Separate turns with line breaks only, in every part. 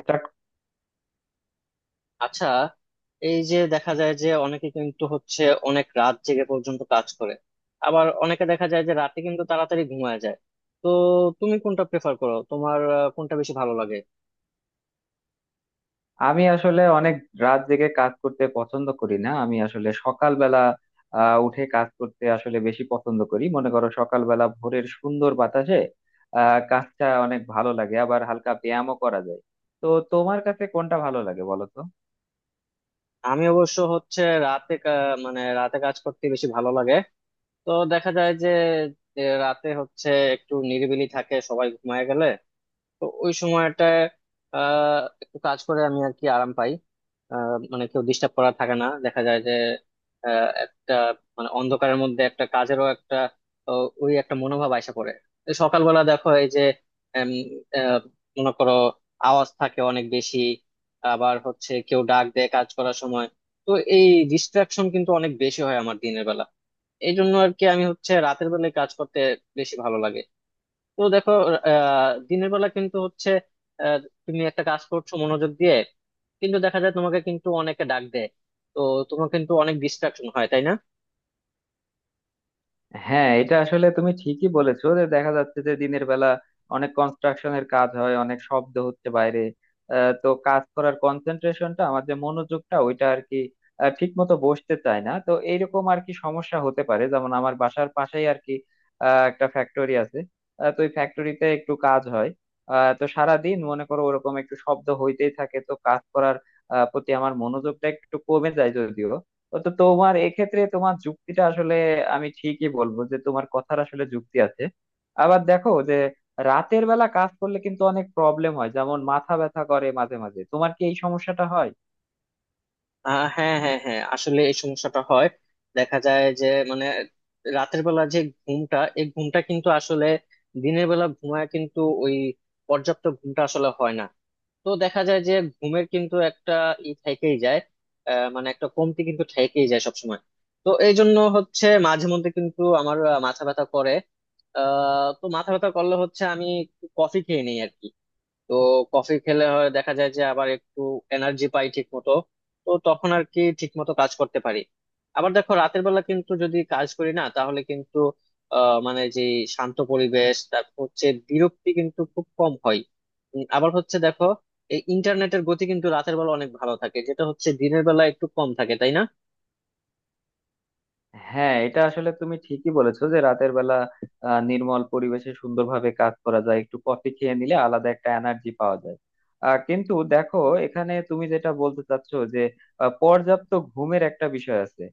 Start.
আচ্ছা, এই যে দেখা যায় যে অনেকে কিন্তু হচ্ছে অনেক রাত জেগে পর্যন্ত কাজ করে। আবার অনেকে দেখা যায় যে রাতে কিন্তু তাড়াতাড়ি ঘুমায় যায়। তো তুমি কোনটা প্রেফার করো, তোমার কোনটা বেশি ভালো লাগে?
আমি আসলে অনেক রাত জেগে কাজ করতে পছন্দ করি না। আমি আসলে সকালবেলা উঠে কাজ করতে আসলে বেশি পছন্দ করি। মনে করো সকালবেলা ভোরের সুন্দর বাতাসে কাজটা অনেক ভালো লাগে, আবার হালকা ব্যায়ামও করা যায়। তো তোমার কাছে কোনটা ভালো লাগে বলো তো?
আমি অবশ্য হচ্ছে রাতে কা- মানে রাতে কাজ করতে বেশি ভালো লাগে। তো দেখা যায় যে যে রাতে হচ্ছে একটু নিরিবিলি থাকে, সবাই ঘুমায় গেলে। তো ওই সময়টায় একটু কাজ করে আমি আর কি আরাম পাই। মানে কেউ ডিস্টার্ব করা থাকে না, দেখা যায় যে আহ, একটা মানে অন্ধকারের মধ্যে একটা কাজেরও একটা ওই একটা মনোভাব আইসা পড়ে। এই সকালবেলা দেখো, এই যে উম, আহ, মনে করো, আওয়াজ থাকে অনেক বেশি। আবার হচ্ছে কেউ ডাক দেয় কাজ করার সময়। তো এই ডিস্ট্রাকশন কিন্তু অনেক বেশি হয় আমার দিনের বেলা। এই জন্য আর কি আমি হচ্ছে রাতের বেলায় কাজ করতে বেশি ভালো লাগে। তো দেখো দিনের বেলা কিন্তু হচ্ছে আহ, তুমি একটা কাজ করছো মনোযোগ দিয়ে, কিন্তু দেখা যায় তোমাকে কিন্তু অনেকে ডাক দেয়। তো তোমার কিন্তু অনেক ডিস্ট্রাকশন হয়, তাই না?
হ্যাঁ, এটা আসলে তুমি ঠিকই বলেছো যে দেখা যাচ্ছে যে দিনের বেলা অনেক কনস্ট্রাকশনের কাজ হয়, অনেক শব্দ হচ্ছে বাইরে। তো কাজ করার কনসেন্ট্রেশনটা, আমার যে মনোযোগটা ওইটা আর কি ঠিক মতো বসতে চায় না। তো এইরকম আর কি সমস্যা হতে পারে। যেমন আমার বাসার পাশেই আর কি একটা ফ্যাক্টরি আছে। তো ওই ফ্যাক্টরিতে একটু কাজ হয়। তো সারা দিন মনে করো ওরকম একটু শব্দ হইতেই থাকে। তো কাজ করার প্রতি আমার মনোযোগটা একটু কমে যায় যদিও। তো তোমার এক্ষেত্রে তোমার যুক্তিটা আসলে আমি ঠিকই বলবো যে তোমার কথার আসলে যুক্তি আছে। আবার দেখো যে রাতের বেলা কাজ করলে কিন্তু অনেক প্রবলেম হয়, যেমন মাথা ব্যথা করে মাঝে মাঝে। তোমার কি এই সমস্যাটা হয়?
হ্যাঁ, হ্যাঁ, হ্যাঁ, আসলে এই সমস্যাটা হয়। দেখা যায় যে মানে রাতের বেলা যে ঘুমটা কিন্তু আসলে দিনের বেলা ঘুমায়, কিন্তু ওই পর্যাপ্ত ঘুমটা আসলে হয় না। তো দেখা যায় যে ঘুমের কিন্তু একটা ই থেকেই যায়, মানে একটা কমতি কিন্তু থেকেই যায় সবসময়। তো এই জন্য হচ্ছে মাঝে মধ্যে কিন্তু আমার মাথা ব্যথা করে। তো মাথা ব্যথা করলে হচ্ছে আমি একটু কফি খেয়ে নিই আর কি। তো কফি খেলে হয়, দেখা যায় যে আবার একটু এনার্জি পাই ঠিক মতো। তো তখন আর কি ঠিক মতো কাজ করতে পারি। আবার দেখো রাতের বেলা কিন্তু যদি কাজ করি না, তাহলে কিন্তু মানে যে শান্ত পরিবেশ, তারপর হচ্ছে বিরক্তি কিন্তু খুব কম হয়। আবার হচ্ছে দেখো, এই ইন্টারনেটের গতি কিন্তু রাতের বেলা অনেক ভালো থাকে, যেটা হচ্ছে দিনের বেলা একটু কম থাকে, তাই না?
হ্যাঁ, এটা আসলে তুমি ঠিকই বলেছো যে রাতের বেলা নির্মল পরিবেশে সুন্দরভাবে কাজ করা যায়, একটু কফি খেয়ে নিলে আলাদা একটা এনার্জি পাওয়া যায়। কিন্তু দেখো, এখানে তুমি যেটা বলতে চাচ্ছো যে পর্যাপ্ত ঘুমের একটা বিষয় আছে।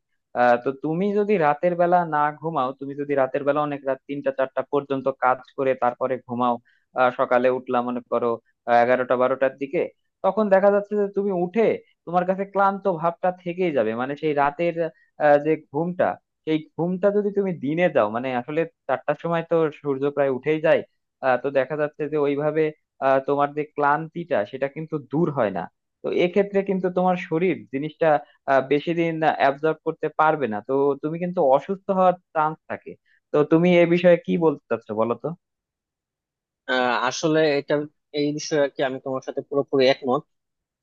তো তুমি যদি রাতের বেলা না ঘুমাও, তুমি যদি রাতের বেলা অনেক রাত 3টা 4টা পর্যন্ত কাজ করে তারপরে ঘুমাও, সকালে উঠলাম মনে করো 11টা 12টার দিকে, তখন দেখা যাচ্ছে যে তুমি উঠে, তোমার কাছে ক্লান্ত ভাবটা থেকেই যাবে। মানে সেই রাতের যে ঘুমটা, সেই ঘুমটা যদি তুমি দিনে দাও, মানে আসলে 4টার সময় তো সূর্য প্রায় উঠেই যায়। তো দেখা যাচ্ছে যে ওইভাবে তোমার যে ক্লান্তিটা সেটা কিন্তু দূর হয় না। তো এক্ষেত্রে কিন্তু তোমার শরীর জিনিসটা বেশি দিন অ্যাবজর্ব করতে পারবে না। তো তুমি কিন্তু অসুস্থ হওয়ার চান্স থাকে। তো তুমি এ বিষয়ে কি বলতে চাচ্ছো বলো তো?
আসলে এটা এই বিষয়ে আর কি আমি তোমার সাথে পুরোপুরি একমত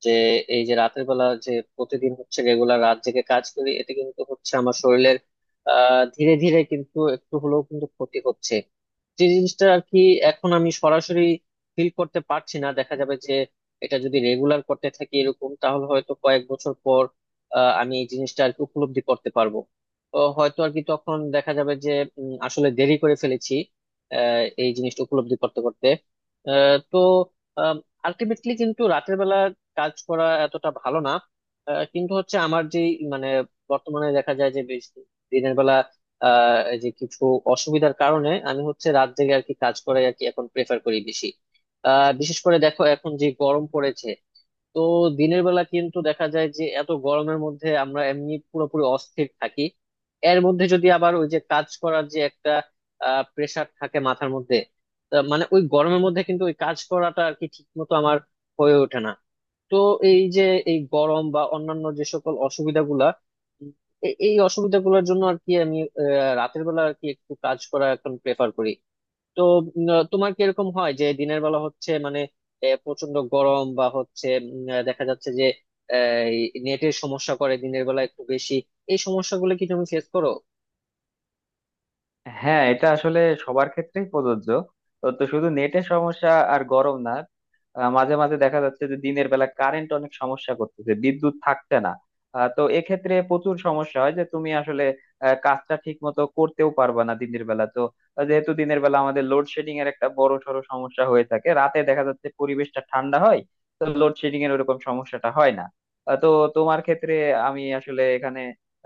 যে এই যে রাতের বেলা যে প্রতিদিন হচ্ছে রেগুলার রাত জেগে কাজ করি, এতে কিন্তু হচ্ছে আমার শরীরের ধীরে ধীরে কিন্তু একটু হলেও কিন্তু ক্ষতি হচ্ছে, যে জিনিসটা আর কি এখন আমি সরাসরি ফিল করতে পারছি না। দেখা যাবে যে এটা যদি রেগুলার করতে থাকি এরকম, তাহলে হয়তো কয়েক বছর পর আমি এই জিনিসটা আর কি উপলব্ধি করতে পারবো। তো হয়তো আর কি তখন দেখা যাবে যে আসলে দেরি করে ফেলেছি এই জিনিসটা উপলব্ধি করতে করতে। তো আলটিমেটলি কিন্তু রাতের বেলা কাজ করা এতটা ভালো না। কিন্তু হচ্ছে আমার যে মানে বর্তমানে দেখা যায় যে বেশ দিনের বেলা এই যে কিছু অসুবিধার কারণে আমি হচ্ছে রাত জেগে আর কি কাজ করাই আর কি এখন প্রেফার করি বেশি। বিশেষ করে দেখো এখন যে গরম পড়েছে। তো দিনের বেলা কিন্তু দেখা যায় যে এত গরমের মধ্যে আমরা এমনি পুরোপুরি অস্থির থাকি। এর মধ্যে যদি আবার ওই যে কাজ করার যে একটা প্রেসার থাকে মাথার মধ্যে, তা মানে ওই গরমের মধ্যে কিন্তু ওই কাজ করাটা আর কি ঠিক মতো আমার হয়ে ওঠে না। তো এই যে এই গরম বা অন্যান্য যে সকল অসুবিধাগুলা, উম, এই অসুবিধাগুলোর জন্য আর কি আমি রাতের বেলা আর কি একটু কাজ করা এখন প্রেফার করি। তো তোমার কি এরকম হয় যে দিনের বেলা হচ্ছে মানে প্রচন্ড গরম বা হচ্ছে দেখা যাচ্ছে যে নেটের সমস্যা করে দিনের বেলা একটু বেশি, এই সমস্যাগুলো কি তুমি ফেস করো?
হ্যাঁ, এটা আসলে সবার ক্ষেত্রেই প্রযোজ্য। তো তো শুধু নেটের সমস্যা আর গরম না। মাঝে মাঝে দেখা যাচ্ছে যে দিনের বেলা কারেন্ট অনেক সমস্যা করতেছে, বিদ্যুৎ থাকছে না। তো এক্ষেত্রে প্রচুর সমস্যা হয় যে তুমি আসলে কাজটা ঠিক মতো করতেও পারবা না দিনের বেলা। তো যেহেতু দিনের বেলা আমাদের লোডশেডিং এর একটা বড় সড়ো সমস্যা হয়ে থাকে, রাতে দেখা যাচ্ছে পরিবেশটা ঠান্ডা হয়, তো লোডশেডিং এর ওরকম সমস্যাটা হয় না। তো তোমার ক্ষেত্রে আমি আসলে এখানে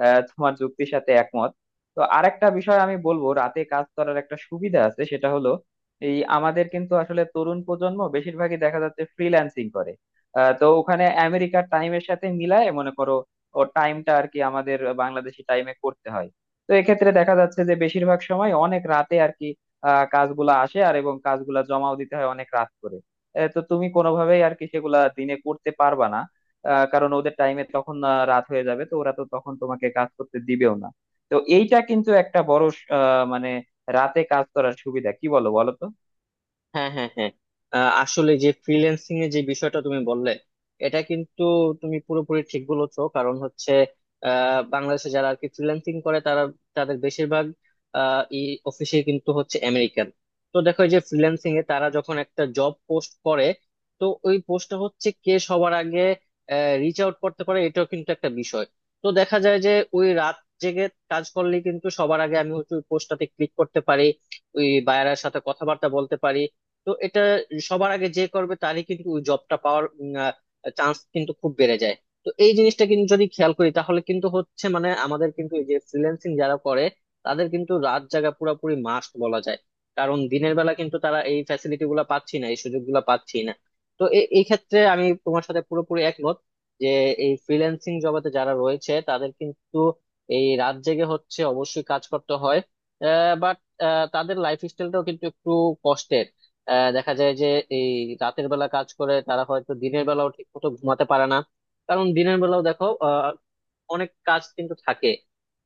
তোমার যুক্তির সাথে একমত। তো আরেকটা বিষয় আমি বলবো, রাতে কাজ করার একটা সুবিধা আছে। সেটা হলো এই, আমাদের কিন্তু আসলে তরুণ প্রজন্ম বেশিরভাগই দেখা যাচ্ছে ফ্রিল্যান্সিং করে। তো ওখানে আমেরিকার টাইমের সাথে মিলায় মনে করো ও টাইমটা আর কি আমাদের বাংলাদেশি টাইমে করতে হয়। তো এক্ষেত্রে দেখা যাচ্ছে যে বেশিরভাগ সময় অনেক রাতে আর কি কাজগুলা আসে আর এবং কাজগুলা জমাও দিতে হয় অনেক রাত করে। তো তুমি কোনোভাবেই আর কি সেগুলা দিনে করতে পারবা না। কারণ ওদের টাইমে তখন রাত হয়ে যাবে, তো ওরা তো তখন তোমাকে কাজ করতে দিবেও না। তো এইটা কিন্তু একটা বড় স- আহ মানে রাতে কাজ করার সুবিধা কি, বলো বলো তো?
হ্যাঁ, হ্যাঁ, হ্যাঁ, আসলে যে ফ্রিল্যান্সিং এর যে বিষয়টা তুমি বললে, এটা কিন্তু তুমি পুরোপুরি ঠিক বলেছো। কারণ হচ্ছে বাংলাদেশে যারা আর কি ফ্রিল্যান্সিং করে, তারা তাদের বেশিরভাগ এই অফিসে কিন্তু হচ্ছে আমেরিকান। তো দেখো এই যে ফ্রিল্যান্সিং এ তারা যখন একটা জব পোস্ট করে, তো ওই পোস্টটা হচ্ছে কে সবার আগে রিচ আউট করতে পারে, এটাও কিন্তু একটা বিষয়। তো দেখা যায় যে ওই রাত জেগে কাজ করলে কিন্তু সবার আগে আমি হচ্ছে ওই পোস্টটাতে ক্লিক করতে পারি, ওই বায়ারের সাথে কথাবার্তা বলতে পারি। তো এটা সবার আগে যে করবে তারই কিন্তু ওই জবটা পাওয়ার চান্স কিন্তু খুব বেড়ে যায়। তো এই জিনিসটা কিন্তু যদি খেয়াল করি তাহলে কিন্তু হচ্ছে মানে আমাদের কিন্তু এই যে ফ্রিল্যান্সিং যারা করে তাদের কিন্তু রাত জাগা পুরোপুরি মাস্ট বলা যায়। কারণ দিনের বেলা কিন্তু তারা এই ফ্যাসিলিটি গুলা পাচ্ছি না, এই সুযোগ গুলা পাচ্ছি না। তো এই ক্ষেত্রে আমি তোমার সাথে পুরোপুরি একমত যে এই ফ্রিল্যান্সিং জগতে যারা রয়েছে তাদের কিন্তু এই রাত জেগে হচ্ছে অবশ্যই কাজ করতে হয়। বাট তাদের লাইফ স্টাইলটাও কিন্তু একটু কষ্টের। দেখা যায় যে এই রাতের বেলা কাজ করে তারা হয়তো দিনের বেলাও ঠিক মতো ঘুমাতে পারে না। কারণ দিনের বেলাও দেখো অনেক কাজ কিন্তু থাকে,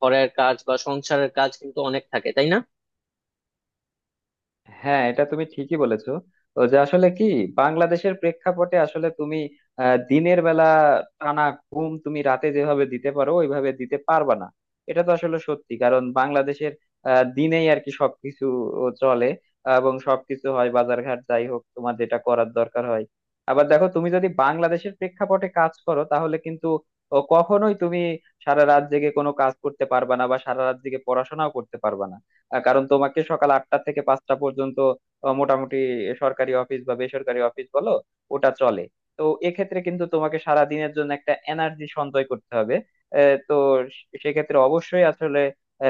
ঘরের কাজ বা সংসারের কাজ কিন্তু অনেক থাকে, তাই না?
হ্যাঁ, এটা তুমি ঠিকই বলেছো। তো যে আসলে কি, বাংলাদেশের প্রেক্ষাপটে আসলে তুমি দিনের বেলা টানা ঘুম তুমি রাতে যেভাবে দিতে পারো ওইভাবে দিতে পারবা না। এটা তো আসলে সত্যি। কারণ বাংলাদেশের দিনেই আর কি সবকিছু চলে, এবং সবকিছু হয় বাজারঘাট যাই হোক তোমার যেটা করার দরকার হয়। আবার দেখো, তুমি যদি বাংলাদেশের প্রেক্ষাপটে কাজ করো তাহলে কিন্তু ও, কখনোই তুমি সারা রাত জেগে কোনো কাজ করতে পারবা না, বা সারা রাত জেগে পড়াশোনাও করতে পারবা না। কারণ তোমাকে সকাল 8টা থেকে 5টা পর্যন্ত মোটামুটি সরকারি অফিস বা বেসরকারি অফিস বলো, ওটা চলে। তো এক্ষেত্রে কিন্তু তোমাকে সারা দিনের জন্য একটা এনার্জি সঞ্চয় করতে হবে। তো সেক্ষেত্রে অবশ্যই আসলে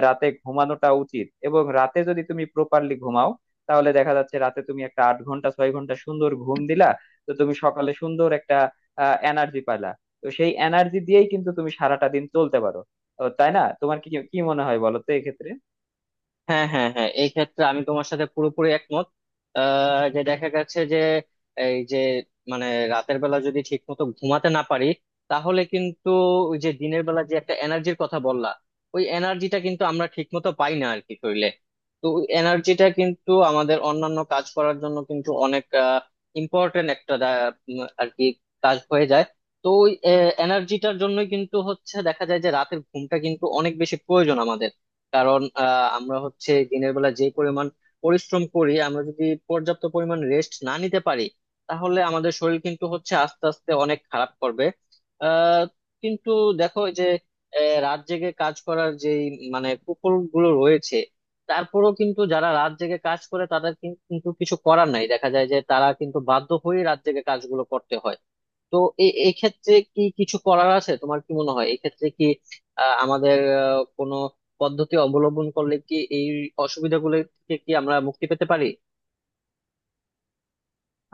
রাতে ঘুমানোটা উচিত। এবং রাতে যদি তুমি প্রপারলি ঘুমাও, তাহলে দেখা যাচ্ছে রাতে তুমি একটা 8 ঘন্টা 6 ঘন্টা সুন্দর ঘুম দিলা, তো তুমি সকালে সুন্দর একটা এনার্জি পাইলা। তো সেই এনার্জি দিয়েই কিন্তু তুমি সারাটা দিন চলতে পারো, ও, তাই না? তোমার কি কি মনে হয় বলো তো এক্ষেত্রে?
হ্যাঁ, হ্যাঁ, হ্যাঁ, এই ক্ষেত্রে আমি তোমার সাথে পুরোপুরি একমত। যে দেখা গেছে যে এই যে মানে রাতের বেলা যদি ঠিক মতো ঘুমাতে না পারি তাহলে কিন্তু ওই যে দিনের বেলা যে একটা এনার্জির কথা বললা, ওই এনার্জিটা কিন্তু আমরা ঠিক মতো পাই না আর কি শরীরে। তো ওই এনার্জিটা কিন্তু আমাদের অন্যান্য কাজ করার জন্য কিন্তু অনেক ইম্পর্টেন্ট একটা আর কি কাজ হয়ে যায়। তো ওই এনার্জিটার জন্যই কিন্তু হচ্ছে দেখা যায় যে রাতের ঘুমটা কিন্তু অনেক বেশি প্রয়োজন আমাদের। কারণ আমরা হচ্ছে দিনের বেলা যে পরিমাণ পরিশ্রম করি, আমরা যদি পর্যাপ্ত পরিমাণ রেস্ট না নিতে পারি তাহলে আমাদের শরীর কিন্তু হচ্ছে আস্তে আস্তে অনেক খারাপ করবে। আহ, কিন্তু দেখো এই যে রাত জেগে কাজ করার যে মানে কুফল গুলো রয়েছে, তারপরেও কিন্তু যারা রাত জেগে কাজ করে তাদের কিন্তু কিছু করার নাই, দেখা যায় যে তারা কিন্তু বাধ্য হয়ে রাত জেগে কাজগুলো করতে হয়। তো এক্ষেত্রে কি কিছু করার আছে? তোমার কি মনে হয় এক্ষেত্রে কি আমাদের কোনো পদ্ধতি অবলম্বন করলে কি এই অসুবিধাগুলো থেকে কি আমরা মুক্তি পেতে পারি?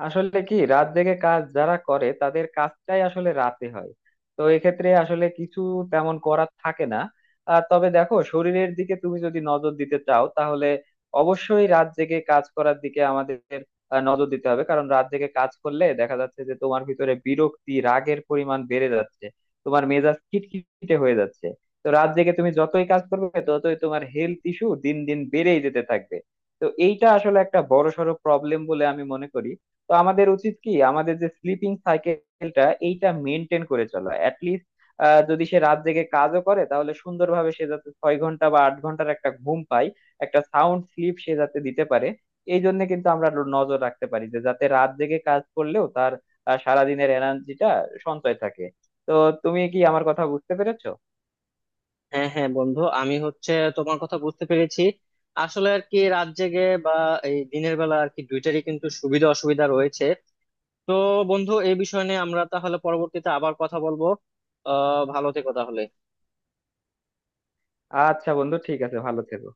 আসলে কি, রাত জেগে কাজ যারা করে তাদের কাজটাই আসলে রাতে হয়। তো এক্ষেত্রে আসলে কিছু তেমন করার থাকে না। তবে দেখো, শরীরের দিকে তুমি যদি নজর দিতে চাও তাহলে অবশ্যই রাত জেগে কাজ করার দিকে আমাদের নজর দিতে হবে। কারণ রাত জেগে কাজ করলে দেখা যাচ্ছে যে তোমার ভিতরে বিরক্তি, রাগের পরিমাণ বেড়ে যাচ্ছে, তোমার মেজাজ খিটখিটে হয়ে যাচ্ছে। তো রাত জেগে তুমি যতই কাজ করবে ততই তোমার হেলথ ইস্যু দিন দিন বেড়েই যেতে থাকবে। তো এইটা আসলে একটা বড়সড় প্রবলেম বলে আমি মনে করি। তো আমাদের উচিত কি, আমাদের যে স্লিপিং সাইকেলটা এইটা মেনটেন করে চলা। অ্যাটলিস্ট যদি সে রাত জেগে কাজও করে তাহলে সুন্দরভাবে সে যাতে 6 ঘন্টা বা 8 ঘন্টার একটা ঘুম পায়, একটা সাউন্ড স্লিপ সে যাতে দিতে পারে। এই জন্য কিন্তু আমরা নজর রাখতে পারি যে যাতে রাত জেগে কাজ করলেও তার সারাদিনের এনার্জিটা সঞ্চয় থাকে। তো তুমি কি আমার কথা বুঝতে পেরেছো?
হ্যাঁ, হ্যাঁ, বন্ধু, আমি হচ্ছে তোমার কথা বুঝতে পেরেছি। আসলে আর কি রাত জেগে বা এই দিনের বেলা আর কি দুইটারই কিন্তু সুবিধা অসুবিধা রয়েছে। তো বন্ধু, এই বিষয় নিয়ে আমরা তাহলে পরবর্তীতে আবার কথা বলবো। ভালো থেকো তাহলে।
আচ্ছা বন্ধু, ঠিক আছে, ভালো থেকো।